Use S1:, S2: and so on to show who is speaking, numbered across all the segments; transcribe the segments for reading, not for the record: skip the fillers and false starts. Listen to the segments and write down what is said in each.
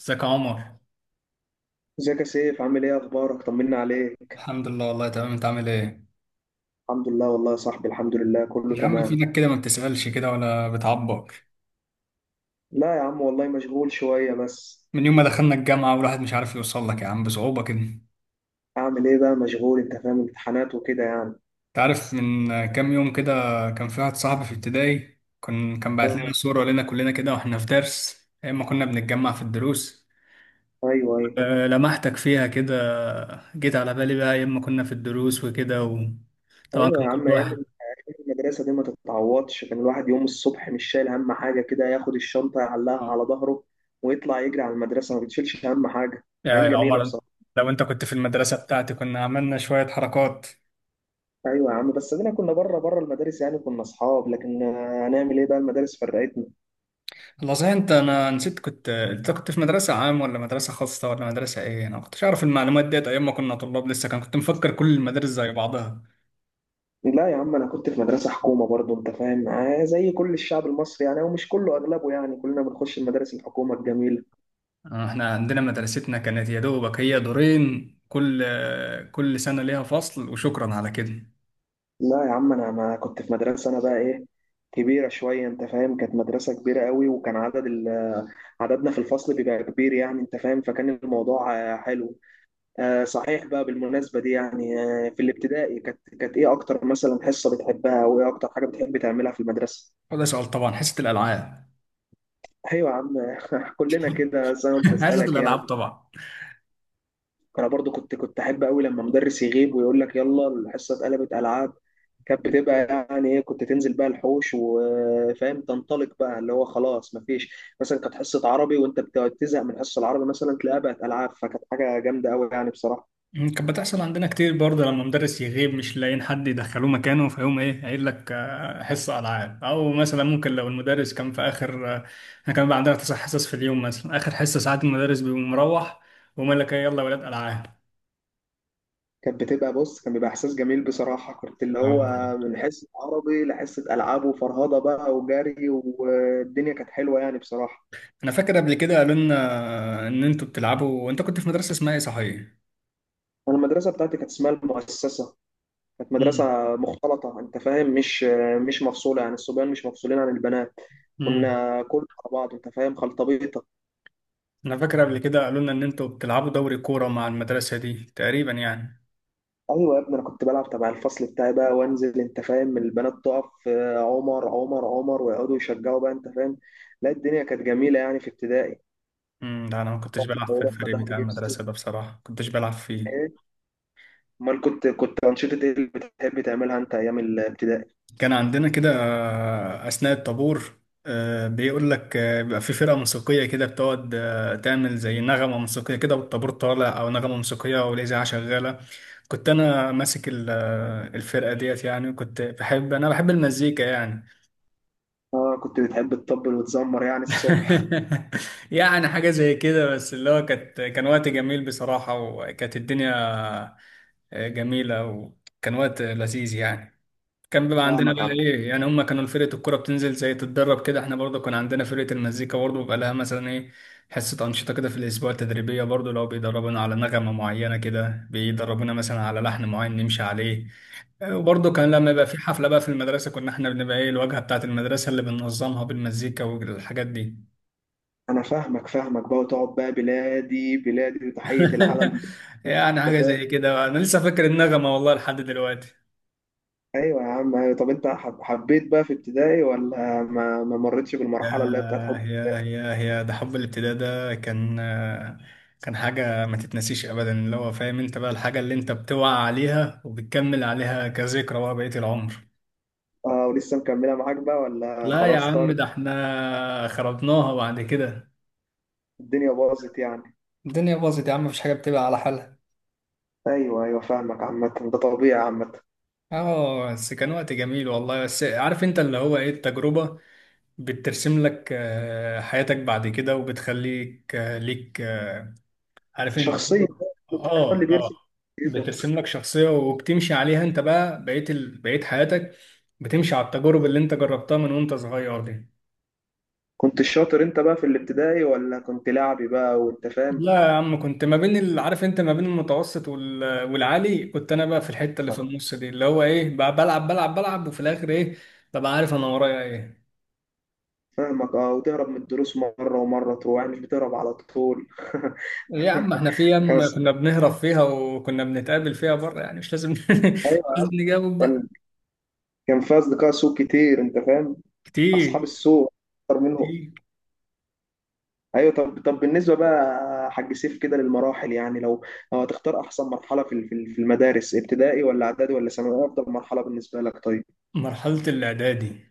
S1: ازيك يا عمر.
S2: ازيك يا سيف، عامل ايه؟ اخبارك؟ طمنا عليك.
S1: الحمد لله والله تمام، انت عامل ايه؟
S2: الحمد لله والله يا صاحبي، الحمد لله كله
S1: يا عم
S2: تمام.
S1: فينك كده، ما بتسألش كده ولا بتعبر؟
S2: لا يا عم والله مشغول شوية بس.
S1: من يوم ما دخلنا الجامعة والواحد مش عارف يوصل لك يا عم، بصعوبة كده انت.
S2: اعمل ايه بقى؟ مشغول، انت فاهم، امتحانات وكده يعني.
S1: عارف من كام يوم كده كان في واحد صاحبي في ابتدائي كان بعت لنا
S2: اه.
S1: صورة لنا كلنا كده واحنا في درس، ايام ما كنا بنتجمع في الدروس.
S2: ايوه ايوه.
S1: اه، لمحتك فيها كده. جيت على بالي بقى ايام ما كنا في الدروس وكده، وطبعا
S2: ايوه
S1: كان
S2: يا عم،
S1: كل واحد.
S2: أيام المدرسة دي ما تتعوضش. كان الواحد يوم الصبح مش شايل هم حاجة، كده ياخد الشنطة يعلقها على ظهره ويطلع يجري على المدرسة، ما بتشيلش هم حاجة.
S1: يا
S2: ايام
S1: يا
S2: جميلة
S1: عمر،
S2: بصراحة.
S1: لو انت كنت في المدرسة بتاعتي كنا عملنا شوية حركات.
S2: ايوه يا عم، بس ادينا كنا بره بره المدارس، يعني كنا اصحاب، لكن هنعمل ايه بقى؟ المدارس فرقتنا.
S1: والله صحيح، انت انا نسيت كنت انت كنت في مدرسة عام ولا مدرسة خاصة ولا مدرسة ايه؟ انا ما كنتش اعرف المعلومات ديت ايام ما كنا طلاب لسه، كان كنت مفكر كل المدارس زي بعضها.
S2: لا يا عم، انا كنت في مدرسه حكومه برضو، انت فاهم، زي كل الشعب المصري يعني، ومش كله اغلبه يعني، كلنا بنخش المدارس الحكومه الجميله.
S1: اه، احنا عندنا مدرستنا كانت يا دوبك هي دورين، كل سنة ليها فصل وشكرا على كده.
S2: لا يا عم، انا ما كنت في مدرسه، انا بقى ايه، كبيره شويه، انت فاهم، كانت مدرسه كبيره قوي، وكان عدد ال، عددنا في الفصل بيبقى كبير يعني، انت فاهم، فكان الموضوع حلو. صحيح بقى، بالمناسبه دي يعني، في الابتدائي كانت ايه اكتر مثلا حصه بتحبها، وايه اكتر حاجه بتحب تعملها في المدرسه؟
S1: وده سؤال؟ طبعا حصة الالعاب.
S2: ايوه يا عم. كلنا كده، بس انا قلت
S1: حصة
S2: اسالك
S1: الالعاب
S2: يعني.
S1: طبعا.
S2: انا برضو كنت احب قوي لما مدرس يغيب ويقول لك يلا الحصه اتقلبت العاب. كانت بتبقى يعني ايه، كنت تنزل بقى الحوش وفاهم، تنطلق بقى، اللي هو خلاص مفيش، مثلا كانت حصه عربي، وانت بتقعد تزهق من حصه العربي، مثلا تلاقيها بقت العاب، فكانت حاجه جامده قوي يعني بصراحه.
S1: كانت بتحصل عندنا كتير برضه لما مدرس يغيب مش لاقيين حد يدخلوه مكانه، فيقوم ايه قايل لك حصة ألعاب. أو مثلا ممكن لو المدرس كان في آخر احنا كان بقى عندنا تسع حصص في اليوم مثلا، آخر حصة ساعات المدرس بيقوم مروح، ويقوم قايل لك ايه، يلا يا ولاد ألعاب.
S2: كانت بتبقى، بص، كان بيبقى احساس جميل بصراحه، كنت اللي هو
S1: اه،
S2: من حصه عربي لحصه العاب، وفرهده بقى وجري، والدنيا كانت حلوه يعني بصراحه.
S1: أنا فاكر قبل كده قالوا لنا إن أنتوا بتلعبوا. أنت كنت في مدرسة اسمها ايه صحيح؟
S2: انا المدرسه بتاعتي كانت اسمها المؤسسه، كانت
S1: مم.
S2: مدرسة مختلطة، أنت فاهم، مش مفصولة، يعني الصبيان مش مفصولين عن البنات.
S1: مم.
S2: كنا كل على بعض، أنت فاهم، خلطبيطة.
S1: أنا فاكر قبل كده قالوا لنا إن أنتوا بتلعبوا دوري كورة مع المدرسة دي تقريبا يعني.
S2: أيوة يا ابني، أنا كنت بلعب تبع الفصل بتاعي بقى، وأنزل، أنت فاهم، البنات تقف، عمر عمر عمر، ويقعدوا يشجعوا بقى، أنت فاهم. لا، الدنيا كانت جميلة يعني في ابتدائي.
S1: لا أنا ما كنتش بلعب في
S2: ورحنا
S1: الفريق
S2: ظهر
S1: بتاع
S2: جبسي.
S1: المدرسة ده بصراحة، ما كنتش بلعب فيه.
S2: إيه؟ أمال كنت أنشطة إيه اللي بتحب تعملها أنت أيام الابتدائي؟
S1: كان عندنا كده أثناء الطابور، بيقول لك بيبقى في فرقة موسيقية كده، بتقعد تعمل زي نغمة موسيقية كده والطابور طالع، أو نغمة موسيقية أو الإذاعة شغالة. كنت أنا ماسك الفرقة ديت يعني، وكنت بحب أنا بحب المزيكا يعني.
S2: آه، كنت بتحب تطبل وتزمر يعني الصبح.
S1: يعني حاجة زي كده، بس اللي هو كان وقت جميل بصراحة، وكانت الدنيا جميلة وكان وقت لذيذ يعني. كان بيبقى عندنا
S2: فاهمك
S1: بقى
S2: عم.
S1: ايه يعني، هم كانوا فرقة الكرة بتنزل زي تتدرب كده، احنا برضه كان عندنا فرقة المزيكا برضه بيبقى لها مثلا ايه، حصة أنشطة كده في الأسبوع التدريبية، برضه لو بيدربونا على نغمة معينة كده بيدربونا مثلا على لحن معين نمشي عليه. وبرضه كان لما يبقى في حفلة بقى في المدرسة كنا احنا بنبقى ايه، الواجهة بتاعة المدرسة اللي بننظمها بالمزيكا والحاجات دي.
S2: انا فاهمك فاهمك بقى، وتقعد بقى بلادي بلادي وتحية العلم.
S1: يعني
S2: أنت
S1: حاجة
S2: فاهم؟
S1: زي كده. أنا لسه فاكر النغمة والله لحد دلوقتي.
S2: ايوه يا عم، أيوة. طب انت حبيت بقى في ابتدائي، ولا ما مرتش بالمرحلة اللي هي بتاعت
S1: ياه
S2: حب؟
S1: ياه ياه ياه، ده حب الابتداء ده كان كان حاجة ما تتنسيش أبدا، اللي هو فاهم أنت بقى الحاجة اللي أنت بتوعى عليها وبتكمل عليها كذكرى بقى بقية العمر.
S2: اه، ولسه مكملة معاك بقى ولا
S1: لا يا
S2: خلاص
S1: عم،
S2: طار؟
S1: ده احنا خربناها بعد كده.
S2: الدنيا باظت يعني.
S1: الدنيا باظت يا عم، مفيش حاجة بتبقى على حالها.
S2: ايوه ايوه، فاهمك، عامة ده طبيعي عامة.
S1: اه بس كان وقت جميل والله. بس عارف انت اللي هو ايه، التجربة بترسم لك حياتك بعد كده، وبتخليك آه، ليك آه، عارف انت
S2: شخصية
S1: برضه-
S2: بقى في الابتدائي،
S1: اه
S2: هو اللي
S1: اه
S2: بيرسم شخصيتك.
S1: بترسم لك شخصية وبتمشي عليها. انت بقى بقيت حياتك بتمشي على التجارب اللي انت جربتها من وانت صغير دي.
S2: كنت الشاطر انت بقى في الابتدائي، ولا كنت لعبي بقى، وانت فاهم؟
S1: لا يا عم، كنت ما بين ال... عارف انت ما بين والعالي، كنت انا بقى في الحتة اللي في النص دي، اللي هو ايه بقى، بلعب وفي الاخر ايه، ببقى عارف انا ورايا ايه.
S2: فاهمك. اه، وتهرب من الدروس مرة ومرة تروح، يعني مش بتهرب على طول.
S1: ليه يا عم، احنا في ايام
S2: خلاص.
S1: كنا بنهرب فيها وكنا بنتقابل فيها بره يعني، مش لازم مش لازم نجاوب بقى.
S2: كان، كان في اصدقاء سوء كتير، انت فاهم، اصحاب
S1: كتير
S2: السوء اكتر منهم.
S1: كتير.
S2: ايوه. طب طب بالنسبه بقى، حاج سيف، كده للمراحل يعني، لو لو هتختار احسن مرحله في المدارس، ابتدائي ولا اعدادي ولا ثانوي، إيه افضل مرحله بالنسبه لك طيب؟
S1: مرحلة الاعدادي.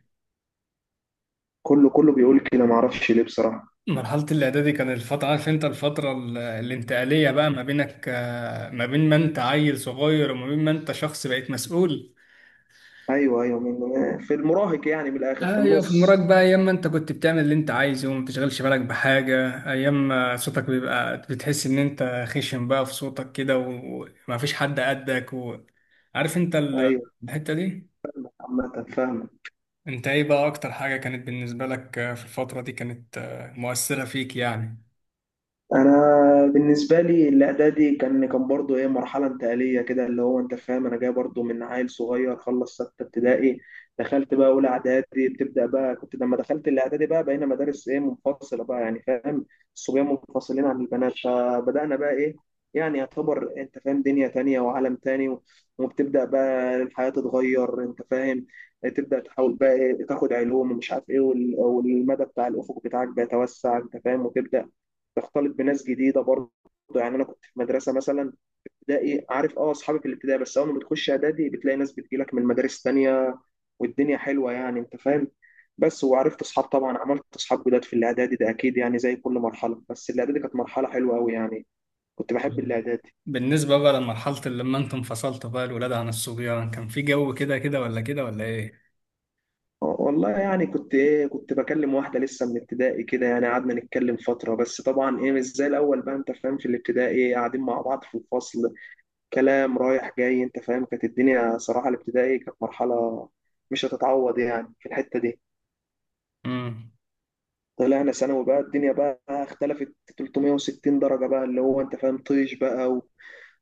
S2: كله كله بيقول كده، ما اعرفش ليه بصراحه.
S1: مرحلة الإعدادي كان الفترة، عارف أنت الفترة الانتقالية بقى ما بينك ما بين ما أنت عيل صغير وما بين ما أنت شخص بقيت مسؤول.
S2: ايوه ايوه، في المراهق يعني، من الاخر في
S1: أيوة في المراك
S2: النص.
S1: بقى، أيام ما أنت كنت بتعمل اللي أنت عايزه وما بتشغلش بالك بحاجة، أيام ما صوتك بيبقى بتحس إن أنت خشن بقى في صوتك كده وما فيش حد قدك، وعارف أنت
S2: ايوه.
S1: الحتة دي.
S2: عامه فاهم.
S1: أنت إيه بقى أكتر حاجة كانت بالنسبة لك في الفترة دي كانت مؤثرة فيك يعني؟
S2: انا بالنسبه لي الاعدادي كان برضو ايه، مرحله انتقاليه كده، اللي هو انت فاهم، انا جاي برضو من عيل صغير خلص سته ابتدائي، دخلت بقى اولى اعدادي، بتبدا بقى، كنت لما دخلت الاعدادي بقى بقينا مدارس ايه، منفصله بقى، يعني فاهم، الصبيان منفصلين عن البنات، فبدانا بقى ايه، يعني يعتبر انت فاهم دنيا تانية وعالم تاني وبتبدا بقى الحياه تتغير، انت فاهم، تبدا تحاول بقى إيه، تاخد علوم ومش عارف ايه، والمدى بتاع الافق بتاعك بيتوسع، انت فاهم، وتبدا تختلط بناس جديده برضه، يعني انا كنت في مدرسه مثلا ابتدائي، عارف اه اصحابي في الابتدائي، بس اول ما بتخش اعدادي بتلاقي ناس بتجيلك من مدارس تانية، والدنيا حلوه يعني انت فاهم. بس وعرفت اصحاب، طبعا عملت اصحاب جداد في الاعدادي ده اكيد يعني، زي كل مرحله، بس الاعدادي كانت مرحله حلوه قوي يعني، كنت بحب الاعدادي.
S1: بالنسبة بقى لمرحلة اللي لما انتم انفصلتوا بقى الولاد عن الصبيان، كان في جو كده كده ولا كده ولا ايه؟
S2: والله يعني كنت ايه، كنت بكلم واحده لسه من ابتدائي كده يعني، قعدنا نتكلم فتره، بس طبعا ايه مش زي الاول بقى، انت فاهم، في الابتدائي قاعدين مع بعض في الفصل، كلام رايح جاي، انت فاهم، كانت الدنيا صراحة الابتدائي كانت مرحلة مش هتتعوض يعني في الحتة دي.
S1: مم.
S2: طلعنا ثانوي بقى، الدنيا بقى اختلفت 360 درجة بقى، اللي هو انت فاهم، طيش بقى،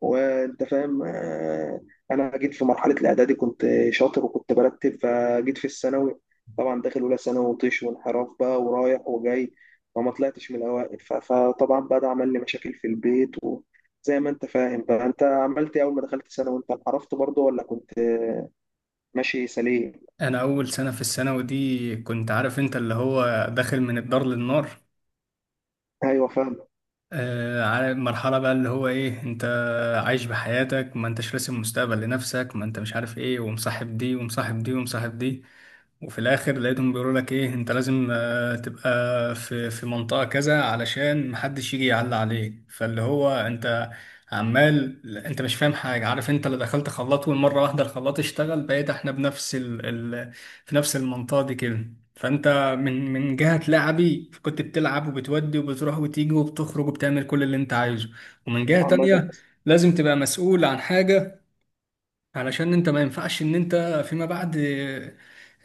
S2: وانت فاهم، انا جيت في مرحله الاعدادي كنت شاطر وكنت برتب، فجيت في الثانوي طبعا داخل اولى ثانوي، وطيش وانحراف بقى ورايح وجاي، فما طلعتش من الاوائل، فطبعا بقى ده عمل لي مشاكل في البيت، وزي ما انت فاهم بقى، انت عملت ايه اول ما دخلت ثانوي؟ انت انحرفت برضه، ولا كنت ماشي سليم؟
S1: انا اول سنة في الثانوي دي كنت، عارف انت اللي هو داخل من الدار للنار.
S2: ايوه فاهم.
S1: آه، عارف مرحلة بقى، اللي هو ايه انت عايش بحياتك ما انتش راسم مستقبل لنفسك، ما انت مش عارف ايه، ومصاحب دي ومصاحب دي ومصاحب دي، وفي الاخر لقيتهم بيقولوا لك ايه انت لازم تبقى في منطقة كذا علشان محدش يجي يعلى عليك، فاللي هو انت عمال، انت مش فاهم حاجة، عارف انت اللي دخلت خلاط، والمرة واحدة الخلاط اشتغل، بقيت احنا بنفس ال... في نفس المنطقة دي كده. فانت من جهة لعبي، كنت بتلعب وبتودي وبتروح وتيجي وبتخرج وبتعمل كل اللي انت عايزه، ومن جهة
S2: عامه
S1: تانية لازم تبقى مسؤول عن حاجة، علشان انت ما ينفعش ان انت فيما بعد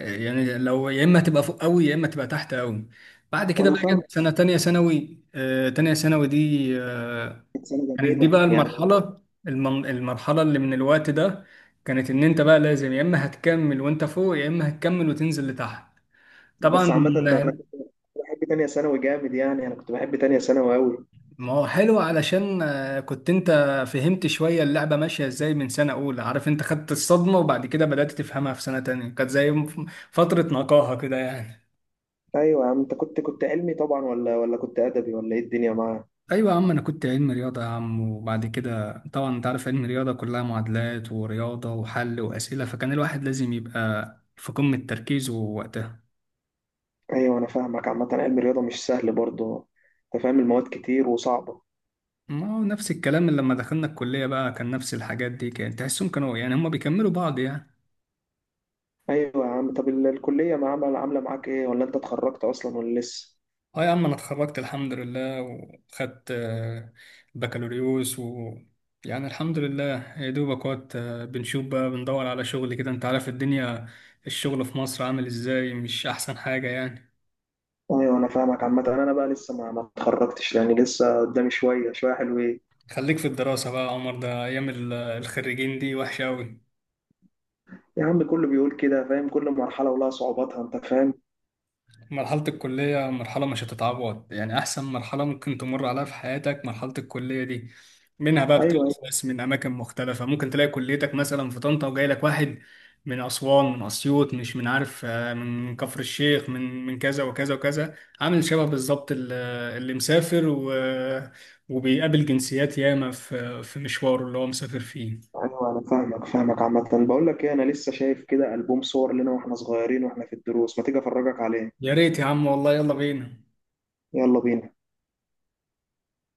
S1: يعني لو، يا اما تبقى فوق قوي يا اما تبقى تحت قوي. بعد كده
S2: انا
S1: بقى
S2: فاهم.
S1: جت سنه تانية ثانوي، تانية ثانوي دي
S2: كانت سنه
S1: كانت دي
S2: جميله
S1: بقى
S2: يعني.
S1: المرحله، المرحله اللي من الوقت ده كانت، ان انت بقى لازم يا اما هتكمل وانت فوق يا اما هتكمل وتنزل لتحت.
S2: بس
S1: طبعا
S2: عامه انت، انا كنت بحب تانية ثانوي جامد يعني، انا كنت بحب تانية ثانوي قوي.
S1: ما هو حلو علشان كنت انت فهمت شوية اللعبة ماشية ازاي، من سنة أولى عارف انت خدت الصدمة، وبعد كده بدأت تفهمها في سنة تانية، كانت زي فترة نقاهة كده يعني.
S2: ايوه يا عم، انت كنت علمي طبعا، ولا كنت ادبي، ولا ايه الدنيا معاك؟
S1: أيوة يا عم، أنا كنت علم رياضة يا عم، وبعد كده طبعا انت عارف علم رياضة كلها معادلات ورياضة وحل وأسئلة، فكان الواحد لازم يبقى في قمة تركيزه وقتها.
S2: ايوه انا فاهمك. عامه علم الرياضه مش سهل برضه، انت فاهم، المواد كتير وصعبه.
S1: ما هو نفس الكلام اللي لما دخلنا الكلية بقى، كان نفس الحاجات دي، كان تحسهم كانوا يعني هما بيكملوا بعض يعني.
S2: ايوه يا عم. طب الكليه ما عامله معاك ايه، ولا انت اتخرجت اصلا ولا لسه؟
S1: اه يا عم، انا اتخرجت الحمد لله، وخدت بكالوريوس و، يعني الحمد لله. يا دوبك وقت بنشوف بقى، بندور على شغل كده، انت عارف الدنيا، الشغل في مصر عامل ازاي، مش احسن حاجة يعني.
S2: ايوه انا فاهمك. عامه انا بقى لسه ما اتخرجتش يعني، لسه قدامي شويه شويه حلوين.
S1: خليك في الدراسة بقى يا عمر، ده ايام الخريجين دي وحشة اوي.
S2: يا عم كله بيقول كده، فاهم، كل مرحله ولها صعوباتها انت فاهم.
S1: مرحلة الكلية مرحلة مش هتتعوض يعني، أحسن مرحلة ممكن تمر عليها في حياتك مرحلة الكلية دي. منها بقى اه
S2: ايوه ايوه.
S1: بتعرف ناس من أماكن مختلفة، ممكن تلاقي كليتك مثلا في طنطا وجاي لك واحد من أسوان، من أسيوط، مش من عارف من كفر الشيخ، من كذا وكذا وكذا. عامل شبه بالظبط اللي مسافر و... آه، وبيقابل جنسيات ياما في في مشواره اللي هو مسافر فيه.
S2: ايوه انا فاهمك فاهمك. عامه بقول لك ايه، انا لسه شايف كده البوم صور لنا واحنا صغيرين واحنا في الدروس، ما تيجي افرجك عليه.
S1: يا ريت يا عم والله، يلا بينا.
S2: يلا بينا.